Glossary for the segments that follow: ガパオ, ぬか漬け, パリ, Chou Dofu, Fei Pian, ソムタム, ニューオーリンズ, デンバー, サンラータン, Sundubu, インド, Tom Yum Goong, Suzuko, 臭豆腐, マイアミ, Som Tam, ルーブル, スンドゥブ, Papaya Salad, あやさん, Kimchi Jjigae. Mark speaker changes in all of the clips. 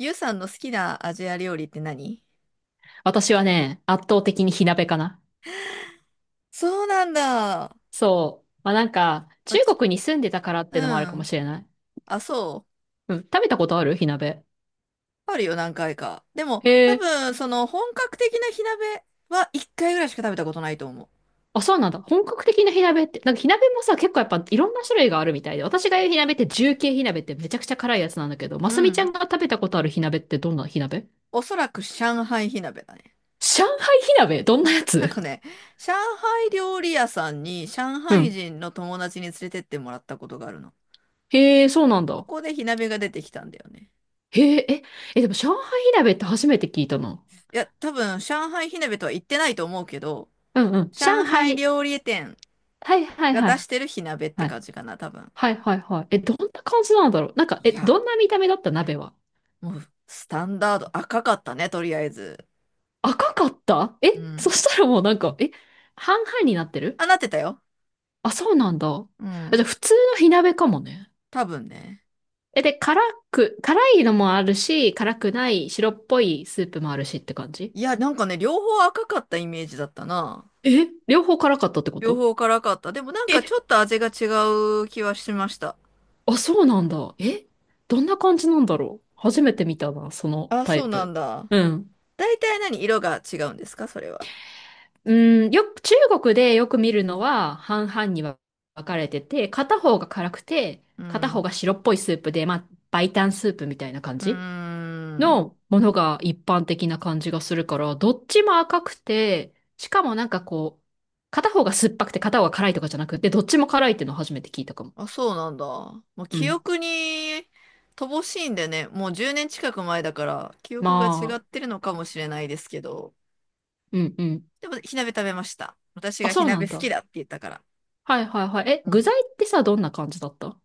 Speaker 1: ゆうさんの好きなアジア料理って何？
Speaker 2: 私はね、圧倒的に火鍋かな。
Speaker 1: そうなんだ。
Speaker 2: そう。まあ、なんか、
Speaker 1: まあ
Speaker 2: 中
Speaker 1: ち
Speaker 2: 国に住んでたからっ
Speaker 1: う
Speaker 2: てのもあるかも
Speaker 1: ん。
Speaker 2: しれない。
Speaker 1: あ、そう。
Speaker 2: うん。食べたことある火鍋？
Speaker 1: あるよ、何回か。でも、
Speaker 2: へ
Speaker 1: 多
Speaker 2: え。
Speaker 1: 分、本格的な火鍋は一回ぐらいしか食べたことないと思
Speaker 2: あ、そうなんだ。本格的な火鍋って、なんか火鍋もさ、結構やっぱいろんな種類があるみたいで、私が言う火鍋って重慶火鍋ってめちゃくちゃ辛いやつなんだけど、ま
Speaker 1: う。う
Speaker 2: すみちゃ
Speaker 1: ん。
Speaker 2: んが食べたことある火鍋ってどんな火鍋？
Speaker 1: おそらく上海火鍋だね。
Speaker 2: 上海火鍋どんなや
Speaker 1: なん
Speaker 2: つ？
Speaker 1: かね、上海料理屋さんに上
Speaker 2: う
Speaker 1: 海
Speaker 2: ん。
Speaker 1: 人の友達に連れてってもらったことがあるの。
Speaker 2: へえ、そうなん
Speaker 1: そ
Speaker 2: だ。
Speaker 1: こで火鍋が出てきたんだよね。
Speaker 2: へえ、え、え、でも上海火鍋って初めて聞いたな。
Speaker 1: いや、多分、上海火鍋とは言ってないと思うけど、
Speaker 2: うんうん。上
Speaker 1: 上海
Speaker 2: 海、
Speaker 1: 料理店
Speaker 2: はいはい
Speaker 1: が
Speaker 2: はい
Speaker 1: 出してる火鍋っ
Speaker 2: は
Speaker 1: て
Speaker 2: い。
Speaker 1: 感じかな、多分。
Speaker 2: はいはいはい。え、どんな感じなんだろう？なんか、
Speaker 1: い
Speaker 2: え、
Speaker 1: や、
Speaker 2: どんな見た目だった鍋は？
Speaker 1: もう、スタンダード、赤かったね、とりあえず。
Speaker 2: 赤かった？え、
Speaker 1: う
Speaker 2: そし
Speaker 1: ん。
Speaker 2: たらもうなんか、え、半々になってる？
Speaker 1: あ、なってたよ。
Speaker 2: あ、そうなんだ。あ、
Speaker 1: う
Speaker 2: じゃあ
Speaker 1: ん。
Speaker 2: 普通の火鍋かもね。
Speaker 1: 多分ね。
Speaker 2: え、で、辛いのもあるし、辛くない白っぽいスープもあるしって感じ？
Speaker 1: いや、なんかね、両方赤かったイメージだったな。
Speaker 2: え、両方辛かったってこ
Speaker 1: 両
Speaker 2: と？
Speaker 1: 方辛かった。でもなんかち
Speaker 2: え、
Speaker 1: ょっと味が違う気はしました。
Speaker 2: あ、そうなんだ。え、どんな感じなんだろう？初めて見たな、その
Speaker 1: あ、
Speaker 2: タ
Speaker 1: そ
Speaker 2: イ
Speaker 1: うなん
Speaker 2: プ。
Speaker 1: だ。
Speaker 2: うん。
Speaker 1: 大体何色が違うんですか、それは。
Speaker 2: うん、よく、中国でよく見るのは半々に分かれてて、片方が辛くて、
Speaker 1: う
Speaker 2: 片方
Speaker 1: ん。
Speaker 2: が白っぽいスープで、まあ、白湯スープみたいな感
Speaker 1: うー
Speaker 2: じ
Speaker 1: ん。
Speaker 2: のものが一般的な感じがするから、どっちも赤くて、しかもなんかこう、片方が酸っぱくて片方が辛いとかじゃなくて、どっちも辛いっていうのを初めて聞いたかも。
Speaker 1: あ、そうなんだ。もう
Speaker 2: う
Speaker 1: 記
Speaker 2: ん。
Speaker 1: 憶に乏しいんでね、もう10年近く前だから、記憶が違
Speaker 2: ま
Speaker 1: っ
Speaker 2: あ、
Speaker 1: てるのかもしれないですけど、
Speaker 2: うんうん。
Speaker 1: でも、火鍋食べました。私
Speaker 2: あ、
Speaker 1: が火
Speaker 2: そうな
Speaker 1: 鍋
Speaker 2: ん
Speaker 1: 好き
Speaker 2: だ。
Speaker 1: だって言ったから。
Speaker 2: はいはいはい。え、
Speaker 1: う
Speaker 2: 具
Speaker 1: ん。
Speaker 2: 材ってさ、どんな感じだった？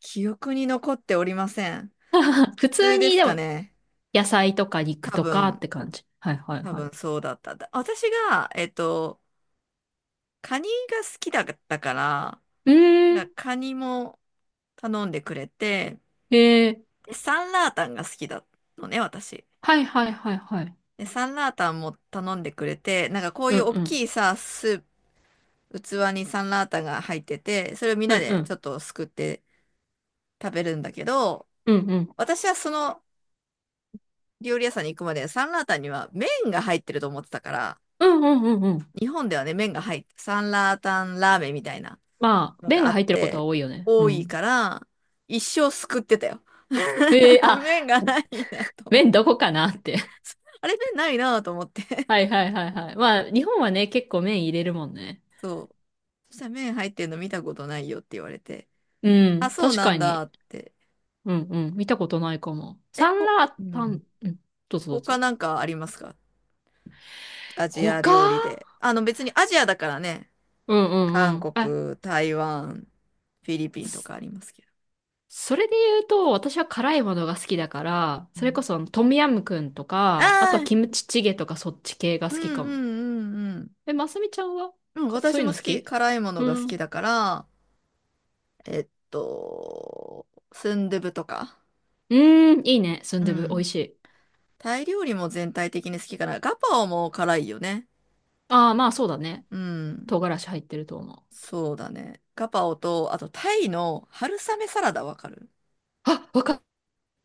Speaker 1: 記憶に残っておりません。
Speaker 2: 普
Speaker 1: 普
Speaker 2: 通
Speaker 1: 通で
Speaker 2: に
Speaker 1: す
Speaker 2: で
Speaker 1: か
Speaker 2: も
Speaker 1: ね。
Speaker 2: 野菜とか肉
Speaker 1: 多
Speaker 2: とかっ
Speaker 1: 分、
Speaker 2: て感じ。はいはい
Speaker 1: 多
Speaker 2: はい。
Speaker 1: 分そうだった。私が、カニが好きだったから、
Speaker 2: ええ
Speaker 1: なんかカニも頼んでくれて、
Speaker 2: ええ、
Speaker 1: でサンラータンが好きだのね、私。
Speaker 2: はいはいはいはい。
Speaker 1: で、サンラータンも頼んでくれて、なんかこう
Speaker 2: う
Speaker 1: いう
Speaker 2: ん
Speaker 1: 大
Speaker 2: うん。
Speaker 1: きいさ、スープ、器にサンラータンが入ってて、それをみん
Speaker 2: う
Speaker 1: な
Speaker 2: んう
Speaker 1: でちょ
Speaker 2: ん。
Speaker 1: っとすくって食べるんだけど、
Speaker 2: うんうん。
Speaker 1: 私はその料理屋さんに行くまでサンラータンには麺が入ってると思ってたから、
Speaker 2: うんうんうんうん。
Speaker 1: 日本ではね、麺が入って、サンラータンラーメンみたいな
Speaker 2: まあ、
Speaker 1: の
Speaker 2: 麺
Speaker 1: が
Speaker 2: が
Speaker 1: あっ
Speaker 2: 入ってることは
Speaker 1: て、
Speaker 2: 多いよね。う
Speaker 1: 多い
Speaker 2: ん。
Speaker 1: から、一生すくってたよ。
Speaker 2: ええ、あ、
Speaker 1: 麺がないなと思っ
Speaker 2: 麺ど
Speaker 1: て。
Speaker 2: こかなって。
Speaker 1: あれ、麺ないなと思って。
Speaker 2: はいはいはいはい。まあ、日本はね、結構麺入れるもんね。
Speaker 1: そう。そしたら麺入ってるの見たことないよって言われて。
Speaker 2: うん、
Speaker 1: あ、そう
Speaker 2: 確
Speaker 1: な
Speaker 2: か
Speaker 1: ん
Speaker 2: に。
Speaker 1: だって。
Speaker 2: うんうん。見たことないかも。
Speaker 1: え、
Speaker 2: サン
Speaker 1: ほ、
Speaker 2: ラー
Speaker 1: う
Speaker 2: タ
Speaker 1: ん。
Speaker 2: ン、うん、どうぞどう
Speaker 1: 他
Speaker 2: ぞ。
Speaker 1: なんかありますか、アジ
Speaker 2: 他、
Speaker 1: ア料理で？別にアジアだからね。
Speaker 2: うんうんう
Speaker 1: 韓
Speaker 2: ん。あ、
Speaker 1: 国、台湾、フィリピンとかありますけど。
Speaker 2: それで言うと、私は辛いものが好きだから、
Speaker 1: う
Speaker 2: それこ
Speaker 1: ん、
Speaker 2: そあのトムヤムクンとか、あと
Speaker 1: あ
Speaker 2: は
Speaker 1: あ、
Speaker 2: キムチチゲとかそっち系が
Speaker 1: うん
Speaker 2: 好き
Speaker 1: うん
Speaker 2: か
Speaker 1: う
Speaker 2: も。
Speaker 1: んうん。
Speaker 2: え、ますみちゃんは
Speaker 1: うん、
Speaker 2: かそう
Speaker 1: 私
Speaker 2: いう
Speaker 1: も
Speaker 2: の
Speaker 1: 好
Speaker 2: 好
Speaker 1: き、
Speaker 2: き？
Speaker 1: 辛いもの
Speaker 2: う
Speaker 1: が好
Speaker 2: ん。
Speaker 1: き
Speaker 2: う
Speaker 1: だから、スンドゥブとか。
Speaker 2: ーん、いいね。スン
Speaker 1: う
Speaker 2: ドゥブ、美味
Speaker 1: ん。
Speaker 2: しい。
Speaker 1: タイ料理も全体的に好きかな。ガパオも辛いよね。
Speaker 2: ああ、まあそうだね。
Speaker 1: うん。
Speaker 2: 唐辛子入ってると思う。
Speaker 1: そうだね。ガパオと、あとタイの春雨サラダわかる
Speaker 2: あ、わか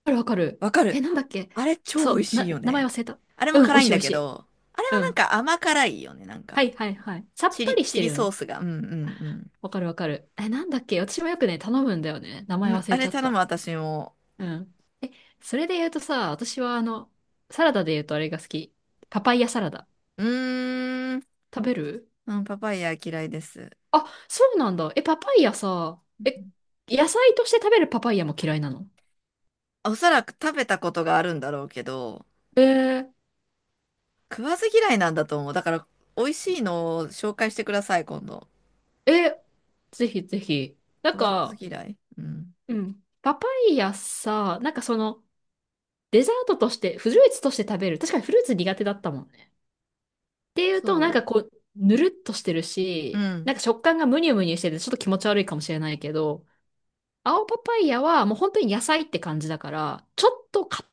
Speaker 2: るわかる。
Speaker 1: わかる。
Speaker 2: え、なんだっけ？
Speaker 1: あれ超美味
Speaker 2: そう、
Speaker 1: しい
Speaker 2: な、
Speaker 1: よ
Speaker 2: 名前
Speaker 1: ね。
Speaker 2: 忘れた。
Speaker 1: あれも
Speaker 2: うん、美
Speaker 1: 辛
Speaker 2: 味
Speaker 1: いん
Speaker 2: しい美
Speaker 1: だ
Speaker 2: 味し
Speaker 1: け
Speaker 2: い。
Speaker 1: ど、あれは
Speaker 2: う
Speaker 1: なん
Speaker 2: ん。
Speaker 1: か甘辛いよね。なん
Speaker 2: は
Speaker 1: か、
Speaker 2: いはいはい。さっ
Speaker 1: チ
Speaker 2: ぱ
Speaker 1: リ、
Speaker 2: りし
Speaker 1: チ
Speaker 2: て
Speaker 1: リ
Speaker 2: るよ
Speaker 1: ソー
Speaker 2: ね。
Speaker 1: スが。うんうん
Speaker 2: わかるわかる。え、なんだっけ？私もよくね、頼むんだよね。名
Speaker 1: う
Speaker 2: 前
Speaker 1: ん。うん、
Speaker 2: 忘
Speaker 1: あ
Speaker 2: れち
Speaker 1: れ
Speaker 2: ゃっ
Speaker 1: 頼む
Speaker 2: た。
Speaker 1: 私も。
Speaker 2: うん。え、それで言うとさ、私はあの、サラダで言うとあれが好き。パパイヤサラダ。
Speaker 1: うーん、
Speaker 2: 食べる？
Speaker 1: うん、パパイヤ嫌いです。
Speaker 2: あ、そうなんだ。え、パパイヤさ、え、野菜として食べるパパイヤも嫌いなの？
Speaker 1: おそらく食べたことがあるんだろうけど、
Speaker 2: えー、
Speaker 1: 食わず嫌いなんだと思う。だから、美味しいのを紹介してください、今度。
Speaker 2: え、ぜひぜひ。な
Speaker 1: 食
Speaker 2: ん
Speaker 1: わず
Speaker 2: か、
Speaker 1: 嫌い。うん。
Speaker 2: うん。パパイヤさ、なんかその、デザートとして、フルーツとして食べる。確かにフルーツ苦手だったもんね。っていうと、なん
Speaker 1: そ
Speaker 2: かこう、ぬるっとしてる
Speaker 1: う。う
Speaker 2: し、な
Speaker 1: ん。
Speaker 2: んか食感がムニュムニュしてて、ちょっと気持ち悪いかもしれないけど、青パパイヤはもう本当に野菜って感じだから、ちょっと固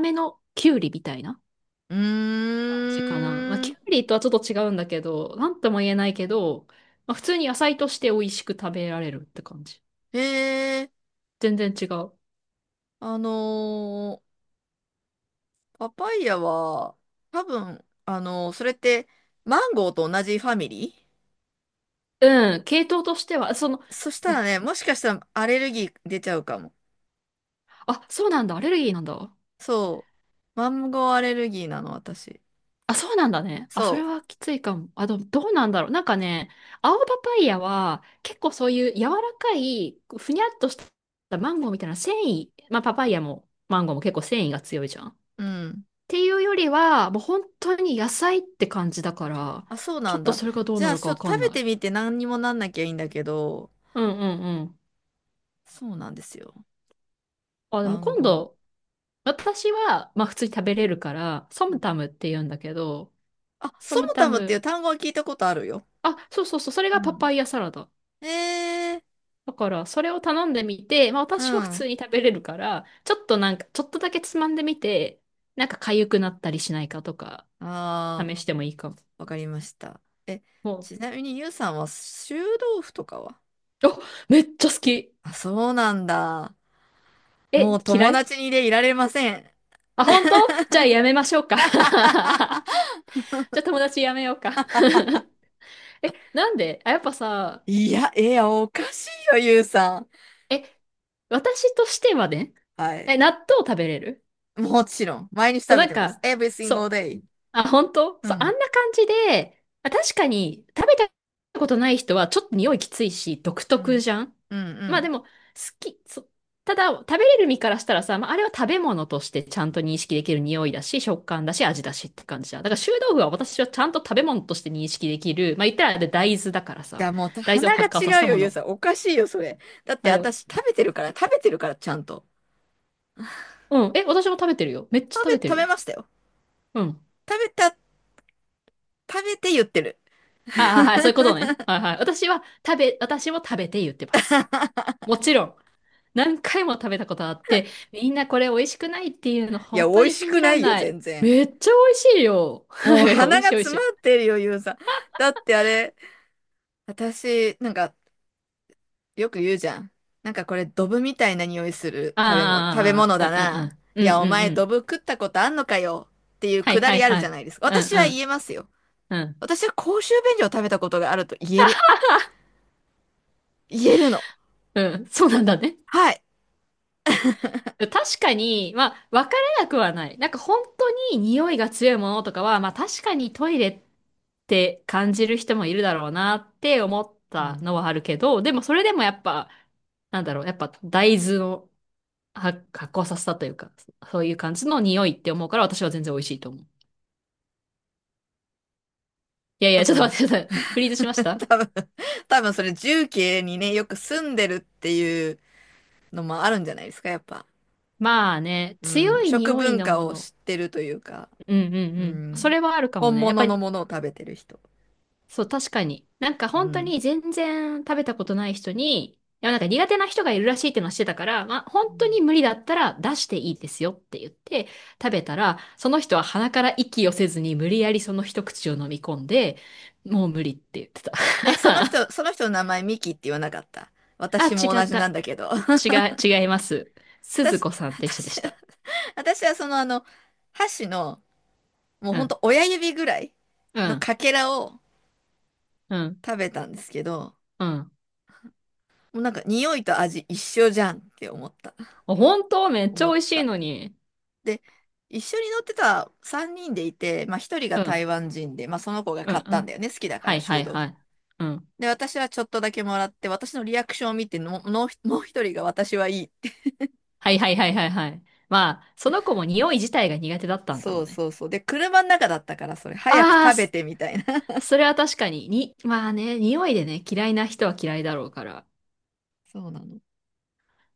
Speaker 2: めのキュウリみたいな
Speaker 1: う
Speaker 2: 感じかな。まあ、
Speaker 1: ー
Speaker 2: キ
Speaker 1: ん。
Speaker 2: ュウリとはちょっと違うんだけど、なんとも言えないけど、まあ、普通に野菜として美味しく食べられるって感じ。
Speaker 1: えー、
Speaker 2: 全然違う。
Speaker 1: あのーパパイヤは、多分、それって、マンゴーと同じファミリ
Speaker 2: うん、系統としては、その、
Speaker 1: ー。そしたらね、もしかしたらアレルギー出ちゃうかも。
Speaker 2: あ、そうなんだ、アレルギーなんだ。
Speaker 1: そう。マンゴーアレルギーなの、私。
Speaker 2: あ、そうなんだね。あ、
Speaker 1: そ
Speaker 2: それはきついかも。あ、どうなんだろう。なんかね、青パパイヤは結構そういう柔らかい、ふにゃっとしたマンゴーみたいな繊維、まあパパイヤもマンゴーも結構繊維が強いじゃん。っ
Speaker 1: う。うん。
Speaker 2: ていうよりは、もう本当に野菜って感じだから、
Speaker 1: あ、そう
Speaker 2: ち
Speaker 1: な
Speaker 2: ょ
Speaker 1: ん
Speaker 2: っと
Speaker 1: だ。
Speaker 2: それがどう
Speaker 1: じゃ
Speaker 2: な
Speaker 1: あ、
Speaker 2: る
Speaker 1: ち
Speaker 2: か
Speaker 1: ょっ
Speaker 2: わ
Speaker 1: と
Speaker 2: か
Speaker 1: 食
Speaker 2: ん
Speaker 1: べ
Speaker 2: な
Speaker 1: て
Speaker 2: い。
Speaker 1: みて何にもなんなきゃいいんだけど、
Speaker 2: うんうんうん。
Speaker 1: そうなんですよ。
Speaker 2: あ、で
Speaker 1: マ
Speaker 2: も
Speaker 1: ン
Speaker 2: 今
Speaker 1: ゴ
Speaker 2: 度、私は、まあ普通に食べれるから、ソ
Speaker 1: ー。
Speaker 2: ムタムって言うんだけど、
Speaker 1: あ、
Speaker 2: ソ
Speaker 1: ソ
Speaker 2: ム
Speaker 1: ム
Speaker 2: タ
Speaker 1: タムってい
Speaker 2: ム、
Speaker 1: う単語は聞いたことあるよ。
Speaker 2: あ、そうそうそう、それ
Speaker 1: う
Speaker 2: がパ
Speaker 1: ん。
Speaker 2: パイヤサラダ。
Speaker 1: えー、
Speaker 2: だから、それを頼んでみて、まあ
Speaker 1: う
Speaker 2: 私は普
Speaker 1: ん。
Speaker 2: 通に食べれるから、ちょっとなんか、ちょっとだけつまんでみて、なんか痒くなったりしないかとか、
Speaker 1: ああ。
Speaker 2: 試してもいいかも。
Speaker 1: わかりました。え、
Speaker 2: も
Speaker 1: ちなみにゆうさんは臭豆腐とかは？
Speaker 2: う、めっちゃ好き。
Speaker 1: あ、そうなんだ。も
Speaker 2: え、
Speaker 1: う
Speaker 2: 嫌
Speaker 1: 友
Speaker 2: い？
Speaker 1: 達にでいられません。
Speaker 2: あ、本当？じゃあやめましょうか。じゃあ友達やめようか。え、なんで？あ、やっぱさ、
Speaker 1: いや、いや、おかしいよ、ゆうさん。
Speaker 2: え、私としてはね、
Speaker 1: は
Speaker 2: え、
Speaker 1: い。
Speaker 2: 納豆食べれる？
Speaker 1: もちろん、毎日
Speaker 2: そう、
Speaker 1: 食
Speaker 2: な
Speaker 1: べ
Speaker 2: ん
Speaker 1: てます。
Speaker 2: か、
Speaker 1: Every
Speaker 2: そ
Speaker 1: single
Speaker 2: う。
Speaker 1: day。
Speaker 2: あ、本当
Speaker 1: う
Speaker 2: そう、あ
Speaker 1: ん、
Speaker 2: んな感じで、あ、確かに食べたことない人はちょっと匂いきついし、独
Speaker 1: う
Speaker 2: 特
Speaker 1: ん、
Speaker 2: じゃん。
Speaker 1: うん、う
Speaker 2: まあで
Speaker 1: ん。
Speaker 2: も、好き、そう、ただ食べれる身からしたらさ、まああれは食べ物としてちゃんと認識できる匂いだし、食感だし、味だしって感じじゃん。だから臭豆腐は私はちゃんと食べ物として認識できる。まあ言ったらあれ大豆だから
Speaker 1: い
Speaker 2: さ、
Speaker 1: や、もう、
Speaker 2: 大豆を
Speaker 1: 鼻が
Speaker 2: 発酵させ
Speaker 1: 違
Speaker 2: た
Speaker 1: うよ、
Speaker 2: も
Speaker 1: ゆう
Speaker 2: の。
Speaker 1: さん。おかしいよ、それ。だっ
Speaker 2: ま
Speaker 1: て、
Speaker 2: あでも、
Speaker 1: 私、食べてるから、食べてるから、ちゃんと。
Speaker 2: うん、え、私も食べてるよ。めっちゃ
Speaker 1: 食
Speaker 2: 食
Speaker 1: べ、
Speaker 2: べて
Speaker 1: 食
Speaker 2: る
Speaker 1: べ
Speaker 2: よ。
Speaker 1: ましたよ。
Speaker 2: うん。
Speaker 1: 食べた、食べて言ってる。
Speaker 2: ああ、はい、そういう ことね。はいはい。私は食べ、私も食べて言ってます。もちろん、何回も食べたことあって、みんなこれ美味しくないっていうの
Speaker 1: いや、
Speaker 2: 本
Speaker 1: 美
Speaker 2: 当
Speaker 1: 味
Speaker 2: に
Speaker 1: し
Speaker 2: 信
Speaker 1: く
Speaker 2: じ
Speaker 1: な
Speaker 2: らん
Speaker 1: いよ、
Speaker 2: ない。
Speaker 1: 全然。
Speaker 2: めっちゃ美味しいよ。は
Speaker 1: もう
Speaker 2: い、美
Speaker 1: 鼻
Speaker 2: 味
Speaker 1: が
Speaker 2: しい美味し
Speaker 1: 詰ま
Speaker 2: い。
Speaker 1: ってるよ、ゆうさん。だってあれ、私、なんか、よく言うじゃん。なんかこれ、ドブみたいな匂いする食べ物、食べ
Speaker 2: あ
Speaker 1: 物だ
Speaker 2: あ、
Speaker 1: な。
Speaker 2: うんうんうん。
Speaker 1: い
Speaker 2: う
Speaker 1: や、
Speaker 2: ん
Speaker 1: お
Speaker 2: うん
Speaker 1: 前、
Speaker 2: う
Speaker 1: ド
Speaker 2: ん。
Speaker 1: ブ食ったことあんのかよ。っていう
Speaker 2: は
Speaker 1: く
Speaker 2: い
Speaker 1: だ
Speaker 2: はい
Speaker 1: りある
Speaker 2: は
Speaker 1: じゃ
Speaker 2: い。
Speaker 1: ないですか。
Speaker 2: うん
Speaker 1: 私は
Speaker 2: う
Speaker 1: 言えますよ。
Speaker 2: ん。うん。
Speaker 1: 私は公衆便所を食べたことがあると言える。言えるの。
Speaker 2: うん。そうなんだね。
Speaker 1: はい。
Speaker 2: 確かに、まあ、わからなくはない。なんか本当に匂いが強いものとかは、まあ確かにトイレって感じる人もいるだろうなって思っ
Speaker 1: う
Speaker 2: た
Speaker 1: ん。
Speaker 2: のはあるけど、でもそれでもやっぱ、なんだろう、やっぱ大豆の発酵させたというか、そういう感じの匂いって思うから私は全然美味しいと思う。いやい
Speaker 1: 多
Speaker 2: や、ちょっと待
Speaker 1: 分、
Speaker 2: って、ちょっとフリーズし ました。
Speaker 1: 多分、多分それ、重慶にね、よく住んでるっていうのもあるんじゃないですか、やっぱ。
Speaker 2: まあね、
Speaker 1: うん。
Speaker 2: 強い
Speaker 1: 食
Speaker 2: 匂い
Speaker 1: 文
Speaker 2: の
Speaker 1: 化
Speaker 2: も
Speaker 1: を知
Speaker 2: の。
Speaker 1: ってるというか。
Speaker 2: うんうんう
Speaker 1: う
Speaker 2: ん。そ
Speaker 1: ん。
Speaker 2: れはあるかも
Speaker 1: 本
Speaker 2: ね。やっぱ
Speaker 1: 物の
Speaker 2: り、
Speaker 1: ものを食べてる人。
Speaker 2: そう、確かに。なんか
Speaker 1: う
Speaker 2: 本当
Speaker 1: ん。
Speaker 2: に全然食べたことない人に、いや、なんか苦手な人がいるらしいっていうのはしてたから、まあ本
Speaker 1: う
Speaker 2: 当
Speaker 1: ん。
Speaker 2: に無理だったら出していいですよって言って食べたら、その人は鼻から息をせずに無理やりその一口を飲み込んで、もう無理って言ってた。
Speaker 1: え、その人の名前ミキって言わなかった？
Speaker 2: あ、
Speaker 1: 私
Speaker 2: 違
Speaker 1: も同
Speaker 2: っ
Speaker 1: じなん
Speaker 2: た。
Speaker 1: だけど。
Speaker 2: 違う、違います。鈴
Speaker 1: 私、
Speaker 2: 子さんって人でし
Speaker 1: 私、
Speaker 2: た。
Speaker 1: 私は箸の、もう
Speaker 2: う
Speaker 1: ほんと
Speaker 2: ん。
Speaker 1: 親指ぐらい
Speaker 2: う
Speaker 1: の
Speaker 2: ん。
Speaker 1: かけらを
Speaker 2: うん。
Speaker 1: 食べたんですけど、
Speaker 2: うん。
Speaker 1: もうなんか匂いと味一緒じゃんって思った。
Speaker 2: あ、本当めっち
Speaker 1: 思
Speaker 2: ゃ美
Speaker 1: っ
Speaker 2: 味しい
Speaker 1: た。
Speaker 2: のに。
Speaker 1: で、一緒に乗ってた3人でいて、まあ1人が
Speaker 2: うん。
Speaker 1: 台湾人で、まあその子が
Speaker 2: う
Speaker 1: 買
Speaker 2: ん。
Speaker 1: っ
Speaker 2: う
Speaker 1: たんだ
Speaker 2: ん。
Speaker 1: よね。好きだか
Speaker 2: は
Speaker 1: ら、
Speaker 2: いは
Speaker 1: 臭
Speaker 2: い
Speaker 1: 豆
Speaker 2: は
Speaker 1: 腐。
Speaker 2: い。うん。
Speaker 1: で、私はちょっとだけもらって、私のリアクションを見ての、もうもう一人が私はいいって。
Speaker 2: はいはいはいはいはい。まあ、その子も匂い自体が苦手だったんだ
Speaker 1: そ
Speaker 2: ろう
Speaker 1: う
Speaker 2: ね。
Speaker 1: そうそう。で、車の中だったから、それ、早く
Speaker 2: ああ、
Speaker 1: 食べ
Speaker 2: そ
Speaker 1: てみたいな。
Speaker 2: それは確かに。に、まあね、匂いでね、嫌いな人は嫌いだろうから。
Speaker 1: そうなの。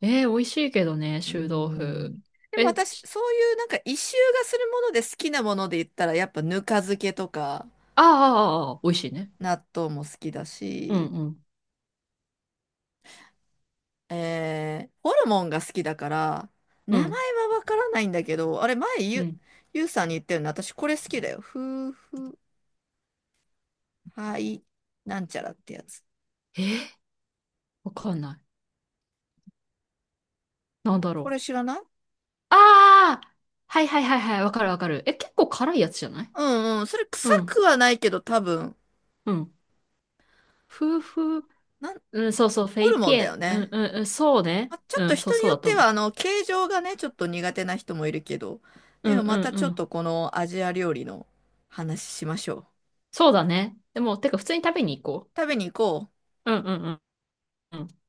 Speaker 2: えー、美味しいけどね、
Speaker 1: うー
Speaker 2: 臭豆腐。
Speaker 1: ん。でも
Speaker 2: え、
Speaker 1: 私、
Speaker 2: し、
Speaker 1: そういうなんか一周がするもので好きなもので言ったら、やっぱぬか漬けとか、
Speaker 2: あーあー、あーあー、ああ美味しいね。
Speaker 1: 納豆も好きだ
Speaker 2: うん
Speaker 1: し、
Speaker 2: うん。
Speaker 1: ホルモンが好きだから、
Speaker 2: う
Speaker 1: 名前
Speaker 2: ん。
Speaker 1: はわからないんだけど、あれ、前
Speaker 2: う
Speaker 1: ゆ、
Speaker 2: ん。
Speaker 1: ゆうさんに言ったよね。私、これ好きだよ。夫婦、はい、なんちゃらってやつ。
Speaker 2: えー、わかんない。なんだ
Speaker 1: こ
Speaker 2: ろ
Speaker 1: れ
Speaker 2: う。
Speaker 1: 知らない？
Speaker 2: ああ、はいはいはいはい、わかるわかる。え、結構辛いやつじゃない？
Speaker 1: うんうん。それ臭
Speaker 2: う
Speaker 1: く
Speaker 2: ん、
Speaker 1: はないけど多分、
Speaker 2: うん。夫婦、
Speaker 1: なん、
Speaker 2: うん、そうそう、フェ
Speaker 1: ホ
Speaker 2: イ
Speaker 1: ルモ
Speaker 2: ピ
Speaker 1: ンだ
Speaker 2: エ
Speaker 1: よ
Speaker 2: ン。うん
Speaker 1: ね。
Speaker 2: うんうん、そうね。
Speaker 1: あ、ちょっ
Speaker 2: う
Speaker 1: と
Speaker 2: ん、そう
Speaker 1: 人に
Speaker 2: そう
Speaker 1: よ
Speaker 2: だ
Speaker 1: っ
Speaker 2: と
Speaker 1: て
Speaker 2: 思
Speaker 1: は、
Speaker 2: う。
Speaker 1: 形状がね、ちょっと苦手な人もいるけど。
Speaker 2: う
Speaker 1: で
Speaker 2: ん
Speaker 1: も
Speaker 2: うん
Speaker 1: またち
Speaker 2: う
Speaker 1: ょっ
Speaker 2: ん。
Speaker 1: とこのアジア料理の話しましょう。
Speaker 2: そうだね。でも、てか普通に食べに行こ
Speaker 1: 食べに行こう。
Speaker 2: う。うんうんうんうん。